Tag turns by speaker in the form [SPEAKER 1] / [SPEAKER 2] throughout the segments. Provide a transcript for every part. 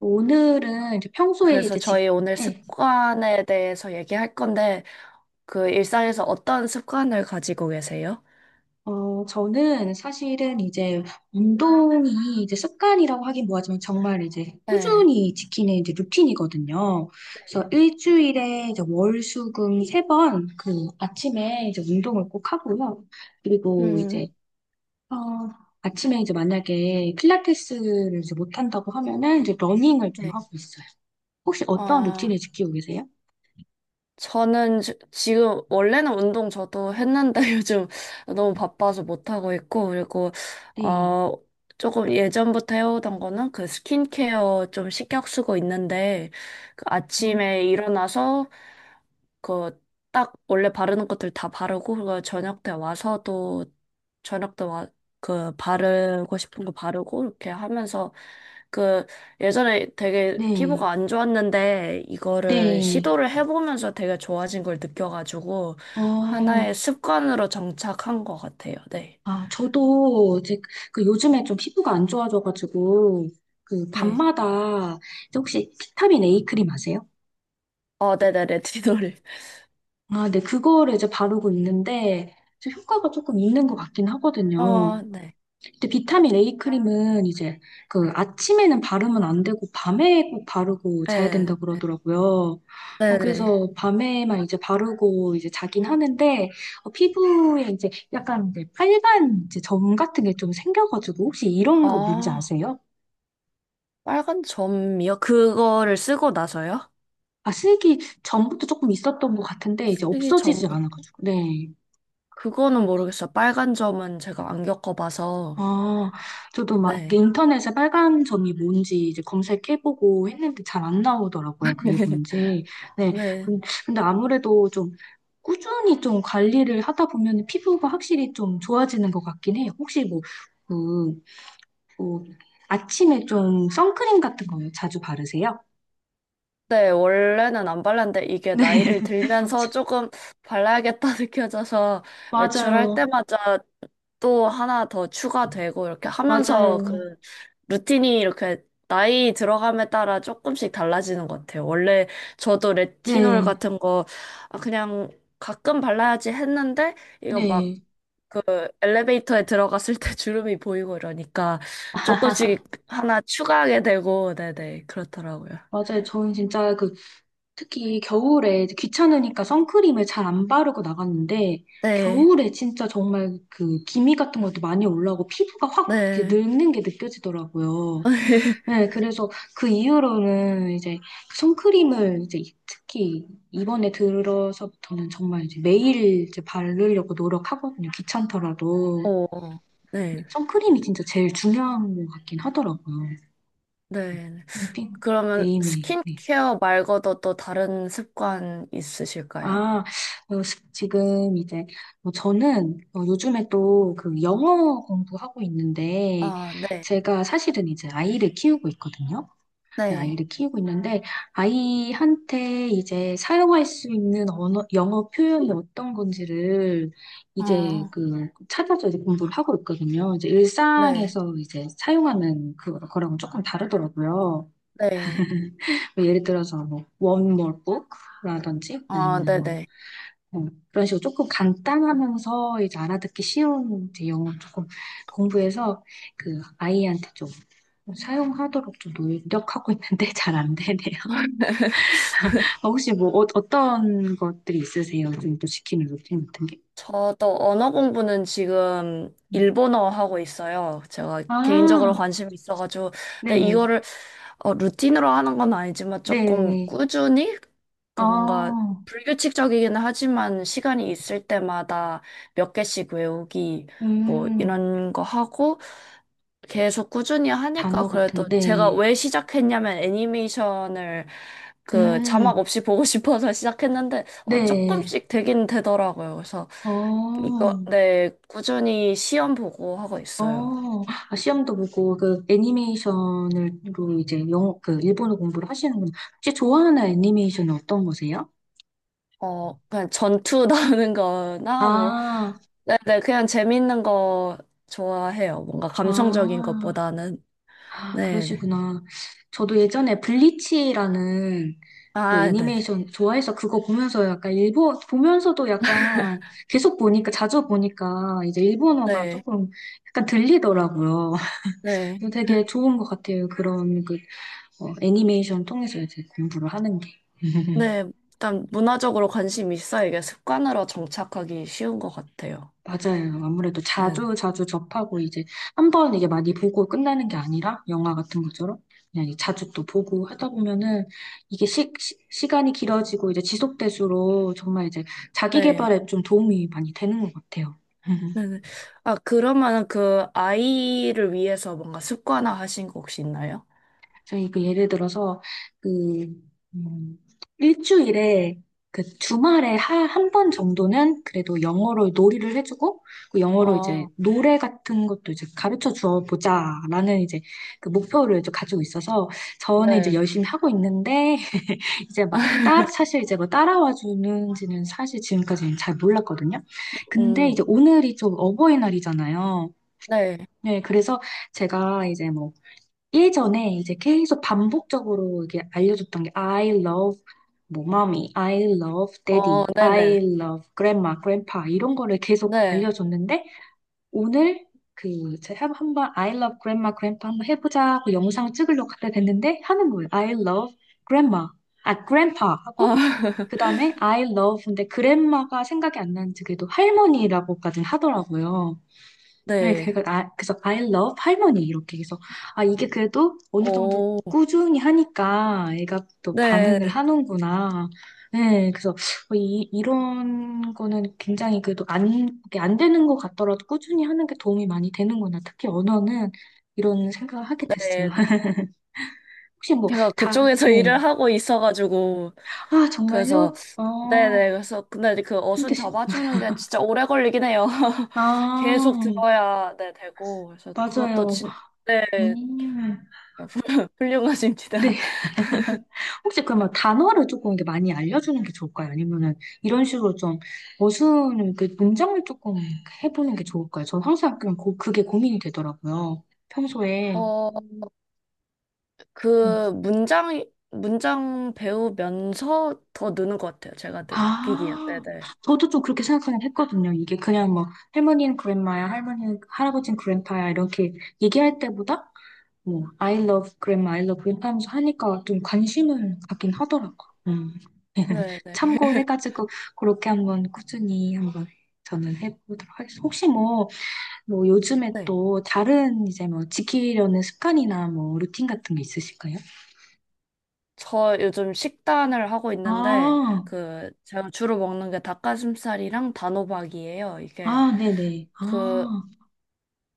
[SPEAKER 1] 오늘은 이제 평소에
[SPEAKER 2] 그래서
[SPEAKER 1] 이제
[SPEAKER 2] 저희 오늘
[SPEAKER 1] 예,
[SPEAKER 2] 습관에 대해서 얘기할 건데, 그 일상에서 어떤 습관을 가지고 계세요?
[SPEAKER 1] 저는 사실은 이제 운동이 이제 습관이라고 하긴 뭐하지만 정말 이제
[SPEAKER 2] 네.
[SPEAKER 1] 꾸준히 지키는 이제 루틴이거든요. 그래서 일주일에 이제 월, 수, 금 세 번 그 아침에 이제 운동을 꼭 하고요. 그리고
[SPEAKER 2] 음,
[SPEAKER 1] 이제, 어, 아침에 이제 만약에 필라테스를 이제 못한다고 하면은 이제 러닝을 좀
[SPEAKER 2] 네.
[SPEAKER 1] 하고 있어요. 혹시 어떤
[SPEAKER 2] 아,
[SPEAKER 1] 루틴을 지키고 계세요?
[SPEAKER 2] 저는 지금 원래는 운동 저도 했는데 요즘 너무 바빠서 못 하고 있고, 그리고
[SPEAKER 1] 네.
[SPEAKER 2] 어 조금 예전부터 해오던 거는 그 스킨케어 좀 신경 쓰고 있는데, 그
[SPEAKER 1] 어,
[SPEAKER 2] 아침에 일어나서 그 딱 원래 바르는 것들 다 바르고, 그리고 저녁 때 와서도 저녁 때 와 그 바르고 싶은 거 바르고 이렇게 하면서, 그 예전에 되게
[SPEAKER 1] 네.
[SPEAKER 2] 피부가 안 좋았는데 이거를
[SPEAKER 1] 네.
[SPEAKER 2] 시도를 해보면서 되게 좋아진 걸 느껴가지고 하나의
[SPEAKER 1] 어,
[SPEAKER 2] 습관으로 정착한 것 같아요. 네.
[SPEAKER 1] 아, 저도 이제 그 요즘에 좀 피부가 안 좋아져가지고 그
[SPEAKER 2] 네.
[SPEAKER 1] 밤마다 이제 혹시 비타민 A 크림 아세요?
[SPEAKER 2] 어, 네네, 레티놀.
[SPEAKER 1] 아, 네, 그거를 이제 바르고 있는데 이제 효과가 조금 있는 것 같긴 하거든요.
[SPEAKER 2] 어, 네.
[SPEAKER 1] 근데 비타민 A 크림은 이제 그 아침에는 바르면 안 되고 밤에 꼭 바르고 자야
[SPEAKER 2] 네.
[SPEAKER 1] 된다고 그러더라고요.
[SPEAKER 2] 네네.
[SPEAKER 1] 그래서 밤에만 이제 바르고 이제 자긴 하는데 피부에 이제 약간 이제 빨간 이제 점 같은 게 좀 생겨가지고 혹시 이런 거 뭔지
[SPEAKER 2] 아,
[SPEAKER 1] 아세요?
[SPEAKER 2] 빨간 점이요? 그거를 쓰고 나서요?
[SPEAKER 1] 아, 쓰기 전부터 조금 있었던 것 같은데 이제
[SPEAKER 2] 쓰기 전,
[SPEAKER 1] 없어지지 않아가지고. 네.
[SPEAKER 2] 그거는 모르겠어요. 빨간 점은 제가 안 겪어봐서.
[SPEAKER 1] 아, 저도 막 이렇게
[SPEAKER 2] 네.
[SPEAKER 1] 인터넷에 빨간 점이 뭔지 이제 검색해보고 했는데 잘 안 나오더라고요. 그게 뭔지. 네.
[SPEAKER 2] 네.
[SPEAKER 1] 근- 근데 아무래도 좀 꾸준히 좀 관리를 하다 보면 피부가 확실히 좀 좋아지는 것 같긴 해요. 혹시 뭐, 그, 뭐, 아침에 좀 선크림 같은 거 자주 바르세요?
[SPEAKER 2] 네, 원래는 안 발랐는데 이게
[SPEAKER 1] 네.
[SPEAKER 2] 나이를 들면서 조금 발라야겠다 느껴져서
[SPEAKER 1] 맞아.
[SPEAKER 2] 외출할
[SPEAKER 1] 맞아요.
[SPEAKER 2] 때마다 또 하나 더 추가되고 이렇게 하면서, 그
[SPEAKER 1] 맞아요.
[SPEAKER 2] 루틴이 이렇게 나이 들어감에 따라 조금씩 달라지는 것 같아요. 원래 저도 레티놀
[SPEAKER 1] 네.
[SPEAKER 2] 같은 거 아, 그냥 가끔 발라야지 했는데 이거 막
[SPEAKER 1] 네.
[SPEAKER 2] 그 엘리베이터에 들어갔을 때 주름이 보이고 이러니까 조금씩 하나 추가하게 되고, 네네, 그렇더라고요.
[SPEAKER 1] 맞아요. 저는 진짜 그 특히 겨울에 이제 귀찮으니까 선크림을 잘 안 바르고 나갔는데
[SPEAKER 2] 네,
[SPEAKER 1] 겨울에 진짜 정말 그 기미 같은 것도 많이 올라오고 피부가 확
[SPEAKER 2] 네.
[SPEAKER 1] 이렇게 늙는 게 느껴지더라고요. 네, 그래서 그 이후로는 이제 그 선크림을 이제 특히 이번에 들어서부터는 정말 이제 매일 이제 바르려고 노력하거든요. 귀찮더라도
[SPEAKER 2] 어, 네,
[SPEAKER 1] 선크림이 진짜 제일 중요한 것 같긴 하더라고요.
[SPEAKER 2] 네.
[SPEAKER 1] 네.
[SPEAKER 2] 그러면
[SPEAKER 1] 매일매일. 네.
[SPEAKER 2] 스킨케어 말고도 또 다른 습관 있으실까요?
[SPEAKER 1] 아, 지금 이제, 뭐 저는 요즘에 또 그 영어 공부하고 있는데,
[SPEAKER 2] 아, 네,
[SPEAKER 1] 제가 사실은 이제 아이를 키우고 있거든요. 근데
[SPEAKER 2] 네.
[SPEAKER 1] 아이를 키우고 있는데, 아이한테 이제 사용할 수 있는 언어, 영어 표현이 어떤 건지를 이제
[SPEAKER 2] 어,
[SPEAKER 1] 그 찾아서 이제 공부를 하고 있거든요. 이제
[SPEAKER 2] 네,
[SPEAKER 1] 일상에서 이제 사용하는 그, 거랑 조금 다르더라고요.
[SPEAKER 2] 네.
[SPEAKER 1] 뭐 예를 들어서 뭐, one more book? 라든지
[SPEAKER 2] 아,
[SPEAKER 1] 아니면
[SPEAKER 2] 네네.
[SPEAKER 1] 어, 그런 식으로 조금 간단하면서 이제 알아듣기 쉬운 이제 영어 조금 공부해서 그 아이한테 좀 사용하도록 좀 노력하고 있는데 잘 안 되네요. 혹시 뭐 떤 것들이 있으세요? 요즘 또 시키는 루틴 같은 게?
[SPEAKER 2] 저도 언어 공부는 지금
[SPEAKER 1] 음.
[SPEAKER 2] 일본어 하고 있어요. 제가 개인적으로
[SPEAKER 1] 아,
[SPEAKER 2] 관심이 있어가지고. 근데
[SPEAKER 1] 네,
[SPEAKER 2] 이거를 루틴으로 하는 건 아니지만 조금
[SPEAKER 1] 네.
[SPEAKER 2] 꾸준히? 그 뭔가
[SPEAKER 1] 아
[SPEAKER 2] 불규칙적이긴 하지만 시간이 있을 때마다 몇 개씩 외우기 뭐
[SPEAKER 1] 음,
[SPEAKER 2] 이런 거 하고, 계속 꾸준히 하니까.
[SPEAKER 1] 단어 같은
[SPEAKER 2] 그래도
[SPEAKER 1] 거,
[SPEAKER 2] 제가
[SPEAKER 1] 네.
[SPEAKER 2] 왜 시작했냐면 애니메이션을 그 자막
[SPEAKER 1] 음,
[SPEAKER 2] 없이 보고 싶어서 시작했는데 어,
[SPEAKER 1] 네.
[SPEAKER 2] 조금씩 되긴 되더라고요. 그래서 이거
[SPEAKER 1] 어,
[SPEAKER 2] 네 꾸준히 시험 보고 하고 있어요.
[SPEAKER 1] 어, 아, 시험도 보고, 그, 애니메이션으로 이제 영어, 그, 일본어 공부를 하시는구나. 혹시 좋아하는 애니메이션은 어떤 거세요?
[SPEAKER 2] 어, 그냥 전투 나오는 거나 뭐
[SPEAKER 1] 아,
[SPEAKER 2] 네네 그냥 재밌는 거 좋아해요. 뭔가 감성적인
[SPEAKER 1] 아,
[SPEAKER 2] 것보다는.
[SPEAKER 1] 아,
[SPEAKER 2] 네네
[SPEAKER 1] 그러시구나. 저도 예전에 블리치라는 그
[SPEAKER 2] 아 네네
[SPEAKER 1] 애니메이션 좋아해서 그거 보면서 약간 보면서도 약간 계속 보니까, 자주 보니까 이제 일본어가
[SPEAKER 2] 네
[SPEAKER 1] 조금 약간 들리더라고요.
[SPEAKER 2] 네.
[SPEAKER 1] 그래서
[SPEAKER 2] 네.
[SPEAKER 1] 되게 좋은 것 같아요. 그런 그, 애니메이션 통해서 이제 공부를 하는 게.
[SPEAKER 2] 네, 일단 문화적으로 관심이 있어야 이게 습관으로 정착하기 쉬운 것 같아요.
[SPEAKER 1] 맞아요. 아무래도
[SPEAKER 2] 네.
[SPEAKER 1] 자주 자주 접하고 이제 한번 이게 많이 보고 끝나는 게 아니라 영화 같은 것처럼 그냥 이제 자주 또 보고 하다 보면은 이게 간이 길어지고 이제 지속될수록 정말 이제 자기
[SPEAKER 2] 네.
[SPEAKER 1] 개발에 좀 도움이 많이 되는 것 같아요.
[SPEAKER 2] 네. 네. 아, 그러면 그 아이를 위해서 뭔가 습관화 하신 거 혹시 있나요?
[SPEAKER 1] 저희 그 예를 들어서 그 음, 일주일에 그 주말에 한 번 정도는 그래도 영어로 놀이를 해주고 그 영어로 이제
[SPEAKER 2] 어,
[SPEAKER 1] 노래 같은 것도 이제 가르쳐 주어 보자라는 이제 그 목표를 이제 가지고 있어서 저는 이제
[SPEAKER 2] 네.
[SPEAKER 1] 열심히 하고 있는데 이제 막 따라 사실 이제 뭐 따라와 주는지는 사실 지금까지는 잘 몰랐거든요. 근데 이제
[SPEAKER 2] 음,
[SPEAKER 1] 오늘이 좀 어버이날이잖아요.
[SPEAKER 2] 네.
[SPEAKER 1] 네, 그래서 제가 이제 뭐 예전에 이제 계속 반복적으로 이게 알려줬던 게 I love 뭐 mommy, I love
[SPEAKER 2] 어,
[SPEAKER 1] daddy, I
[SPEAKER 2] 네네.
[SPEAKER 1] love grandma, grandpa 이런 거를 계속
[SPEAKER 2] 네.
[SPEAKER 1] 알려줬는데 오늘 그 제가 한번 I love grandma, grandpa 한번 해보자 하고 영상 찍으려고 갖다 댔는데 하는 거예요. I love grandma, 아 grandpa
[SPEAKER 2] 아,
[SPEAKER 1] 하고 그 다음에 I love 근데 grandma가 생각이 안 나는지 그래도 할머니라고까지 하더라고요. 네,
[SPEAKER 2] 네.
[SPEAKER 1] 그래서, 아, 그래서 I love 할머니 이렇게 해서 아 이게 그래도 어느 정도
[SPEAKER 2] 오,
[SPEAKER 1] 꾸준히 하니까 애가 또
[SPEAKER 2] 네.
[SPEAKER 1] 반응을 하는구나. 네, 그래서 이 이런 거는 굉장히 그래도 안, 이게 안 되는 것 같더라도 꾸준히 하는 게 도움이 많이 되는구나. 특히 언어는 이런 생각을 하게 됐어요.
[SPEAKER 2] 네.
[SPEAKER 1] 혹시 뭐
[SPEAKER 2] 제가 그쪽에서
[SPEAKER 1] 네.
[SPEAKER 2] 일을 하고 있어가지고
[SPEAKER 1] 아
[SPEAKER 2] 그래서
[SPEAKER 1] 정말요?
[SPEAKER 2] 네네 그래서, 근데 이제 그 어순
[SPEAKER 1] 힘드시.
[SPEAKER 2] 잡아주는 게 진짜 오래 걸리긴 해요.
[SPEAKER 1] 아
[SPEAKER 2] 계속 들어야 네 되고. 그래서 그것도
[SPEAKER 1] 맞아요.
[SPEAKER 2] 진 네.
[SPEAKER 1] 음.
[SPEAKER 2] 훌륭하십니다.
[SPEAKER 1] 네. 혹시 그러면 단어를 조금 이렇게 많이 알려주는 게 좋을까요? 아니면은 이런 식으로 좀 어순을, 그 문장을 조금 해보는 게 좋을까요? 저는 항상 그냥 그게 고민이 되더라고요. 평소에.
[SPEAKER 2] 어,
[SPEAKER 1] 음.
[SPEAKER 2] 그 문장 배우면서 더 느는 것 같아요. 제가 느끼기엔.
[SPEAKER 1] 아,
[SPEAKER 2] 네네.
[SPEAKER 1] 저도 좀 그렇게 생각하긴 했거든요. 이게 그냥 뭐 할머니는 그랜마야, 할머니는 할아버지는 그랜파야 이렇게 얘기할 때보다 뭐 I love grandma, I love grandpa 하면서 하니까 좀 관심을 갖긴 하더라고. 음.
[SPEAKER 2] 네네.
[SPEAKER 1] 참고해가지고 그렇게 한번 꾸준히 한번 저는 해보도록 하겠습니다. 혹시 뭐 요즘에
[SPEAKER 2] 네.
[SPEAKER 1] 또 다른 이제 뭐 지키려는 습관이나 뭐 루틴 같은 게 있으실까요?
[SPEAKER 2] 저 요즘 식단을 하고 있는데,
[SPEAKER 1] 아,
[SPEAKER 2] 그, 제가 주로 먹는 게 닭가슴살이랑 단호박이에요. 이게,
[SPEAKER 1] 아, 네네.
[SPEAKER 2] 그,
[SPEAKER 1] 아,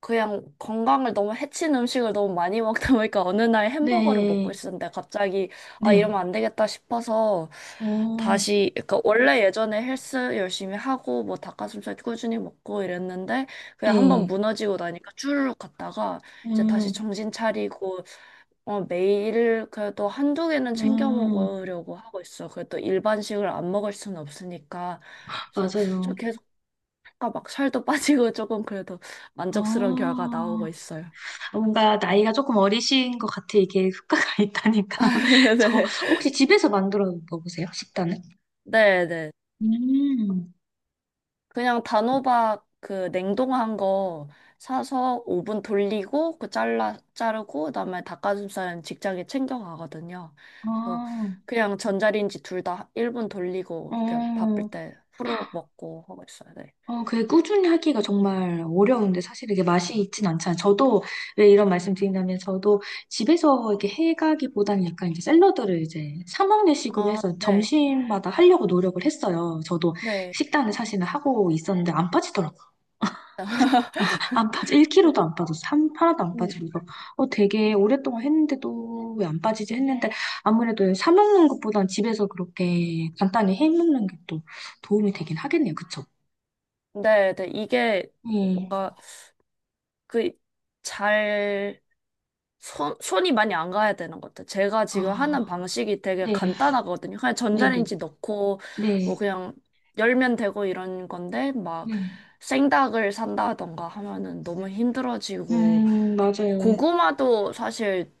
[SPEAKER 2] 그냥 건강을 너무 해친 음식을 너무 많이 먹다 보니까 어느 날 햄버거를 먹고
[SPEAKER 1] 네,
[SPEAKER 2] 있었는데, 갑자기 아 이러면
[SPEAKER 1] 네.
[SPEAKER 2] 안 되겠다 싶어서
[SPEAKER 1] 어,
[SPEAKER 2] 다시, 그러니까 원래 예전에 헬스 열심히 하고 뭐 닭가슴살 꾸준히 먹고 이랬는데 그냥 한번
[SPEAKER 1] 네.
[SPEAKER 2] 무너지고 나니까 쭈르륵 갔다가 이제 다시
[SPEAKER 1] 음,
[SPEAKER 2] 정신 차리고 매일 그래도 한두 개는 챙겨
[SPEAKER 1] 음,
[SPEAKER 2] 먹으려고 하고 있어. 그래도 일반식을 안 먹을 수는 없으니까. 그래서
[SPEAKER 1] 맞아요.
[SPEAKER 2] 아까 막 살도 빠지고 조금 그래도 만족스러운 결과 나오고
[SPEAKER 1] 아.
[SPEAKER 2] 있어요.
[SPEAKER 1] 뭔가 나이가 조금 어리신 것 같아. 이게 효과가 있다니까. 저
[SPEAKER 2] 네.
[SPEAKER 1] 혹시 집에서 만들어 먹으세요? 식단을?
[SPEAKER 2] 네네.
[SPEAKER 1] 음.
[SPEAKER 2] 그냥 단호박 그 냉동한 거 사서 오븐 돌리고 그 잘라 자르고, 그다음에 닭가슴살은 직장에 챙겨 가거든요. 그래서
[SPEAKER 1] 아,
[SPEAKER 2] 그냥 전자레인지 둘 다 1분 돌리고 이렇게 바쁠
[SPEAKER 1] 어,
[SPEAKER 2] 때 후루룩 먹고 하고 있어요. 네.
[SPEAKER 1] 그게 꾸준히 하기가 정말 어려운데 사실 이게 맛이 있진 않잖아요. 저도 왜 이런 말씀 드린다면 저도 집에서 이렇게 해가기보다는 약간 이제 샐러드를 이제 사 먹는 식으로
[SPEAKER 2] 아,
[SPEAKER 1] 해서
[SPEAKER 2] 네.
[SPEAKER 1] 점심마다 하려고 노력을 했어요. 저도
[SPEAKER 2] 네.
[SPEAKER 1] 식단을 사실은 하고 있었는데 안 빠지더라고요. 안 빠져.
[SPEAKER 2] 네,
[SPEAKER 1] 1kg도 안 빠졌어. 한 하나도 안
[SPEAKER 2] 음.
[SPEAKER 1] 빠지고 되게 오랫동안 했는데도 왜 안 빠지지 했는데 아무래도 사 먹는 것보단 집에서 그렇게 간단히 해 먹는 게 또 도움이 되긴 하겠네요. 그쵸?
[SPEAKER 2] 네. 네. 이게
[SPEAKER 1] 네.
[SPEAKER 2] 뭔가 그잘 손이 많이 안 가야 되는 것 같아요. 제가 지금 하는
[SPEAKER 1] 아,
[SPEAKER 2] 방식이 되게
[SPEAKER 1] 네.
[SPEAKER 2] 간단하거든요. 그냥
[SPEAKER 1] 네네.
[SPEAKER 2] 전자레인지 넣고,
[SPEAKER 1] 네.
[SPEAKER 2] 뭐 그냥 열면 되고 이런 건데, 막
[SPEAKER 1] 네.
[SPEAKER 2] 생닭을 산다던가 하면은 너무 힘들어지고,
[SPEAKER 1] 맞아요.
[SPEAKER 2] 고구마도 사실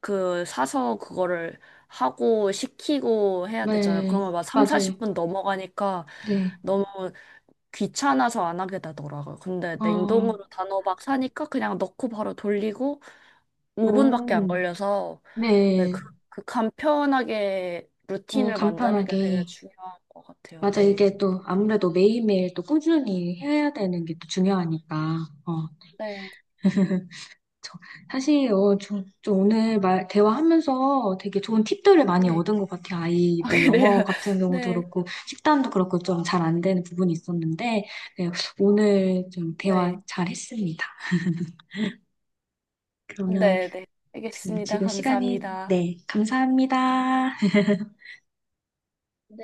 [SPEAKER 2] 그 사서 그거를 하고 식히고 해야 되잖아요.
[SPEAKER 1] 네.
[SPEAKER 2] 그러면 막 3,
[SPEAKER 1] 맞아요.
[SPEAKER 2] 40분 넘어가니까
[SPEAKER 1] 네.
[SPEAKER 2] 너무 귀찮아서 안 하게 되더라고요. 근데
[SPEAKER 1] 아,
[SPEAKER 2] 냉동으로 단호박 사니까 그냥 넣고 바로 돌리고 5분밖에 안
[SPEAKER 1] 오.
[SPEAKER 2] 걸려서 네,
[SPEAKER 1] 네.
[SPEAKER 2] 그, 그 간편하게 루틴을 만드는 게 되게
[SPEAKER 1] 간편하게.
[SPEAKER 2] 중요한 것 같아요.
[SPEAKER 1] 맞아.
[SPEAKER 2] 네.
[SPEAKER 1] 이게 또 아무래도 매일매일 또 꾸준히 해야 되는 게 또 중요하니까. 어.
[SPEAKER 2] 네.
[SPEAKER 1] 저- 사실 저 오늘 말 대화하면서 되게 좋은 팁들을 많이
[SPEAKER 2] 네.
[SPEAKER 1] 얻은 것 같아요. 아이
[SPEAKER 2] 아,
[SPEAKER 1] 뭐 영어
[SPEAKER 2] 그래요.
[SPEAKER 1] 같은 경우도
[SPEAKER 2] 네.
[SPEAKER 1] 그렇고 식단도 그렇고 좀 잘 안 되는 부분이 있었는데 네, 오늘 좀
[SPEAKER 2] 네.
[SPEAKER 1] 대화 잘 했습니다. 그러면
[SPEAKER 2] 네. 네.
[SPEAKER 1] 지금
[SPEAKER 2] 알겠습니다.
[SPEAKER 1] 지금 시간이
[SPEAKER 2] 감사합니다.
[SPEAKER 1] 네, 감사합니다.
[SPEAKER 2] 네.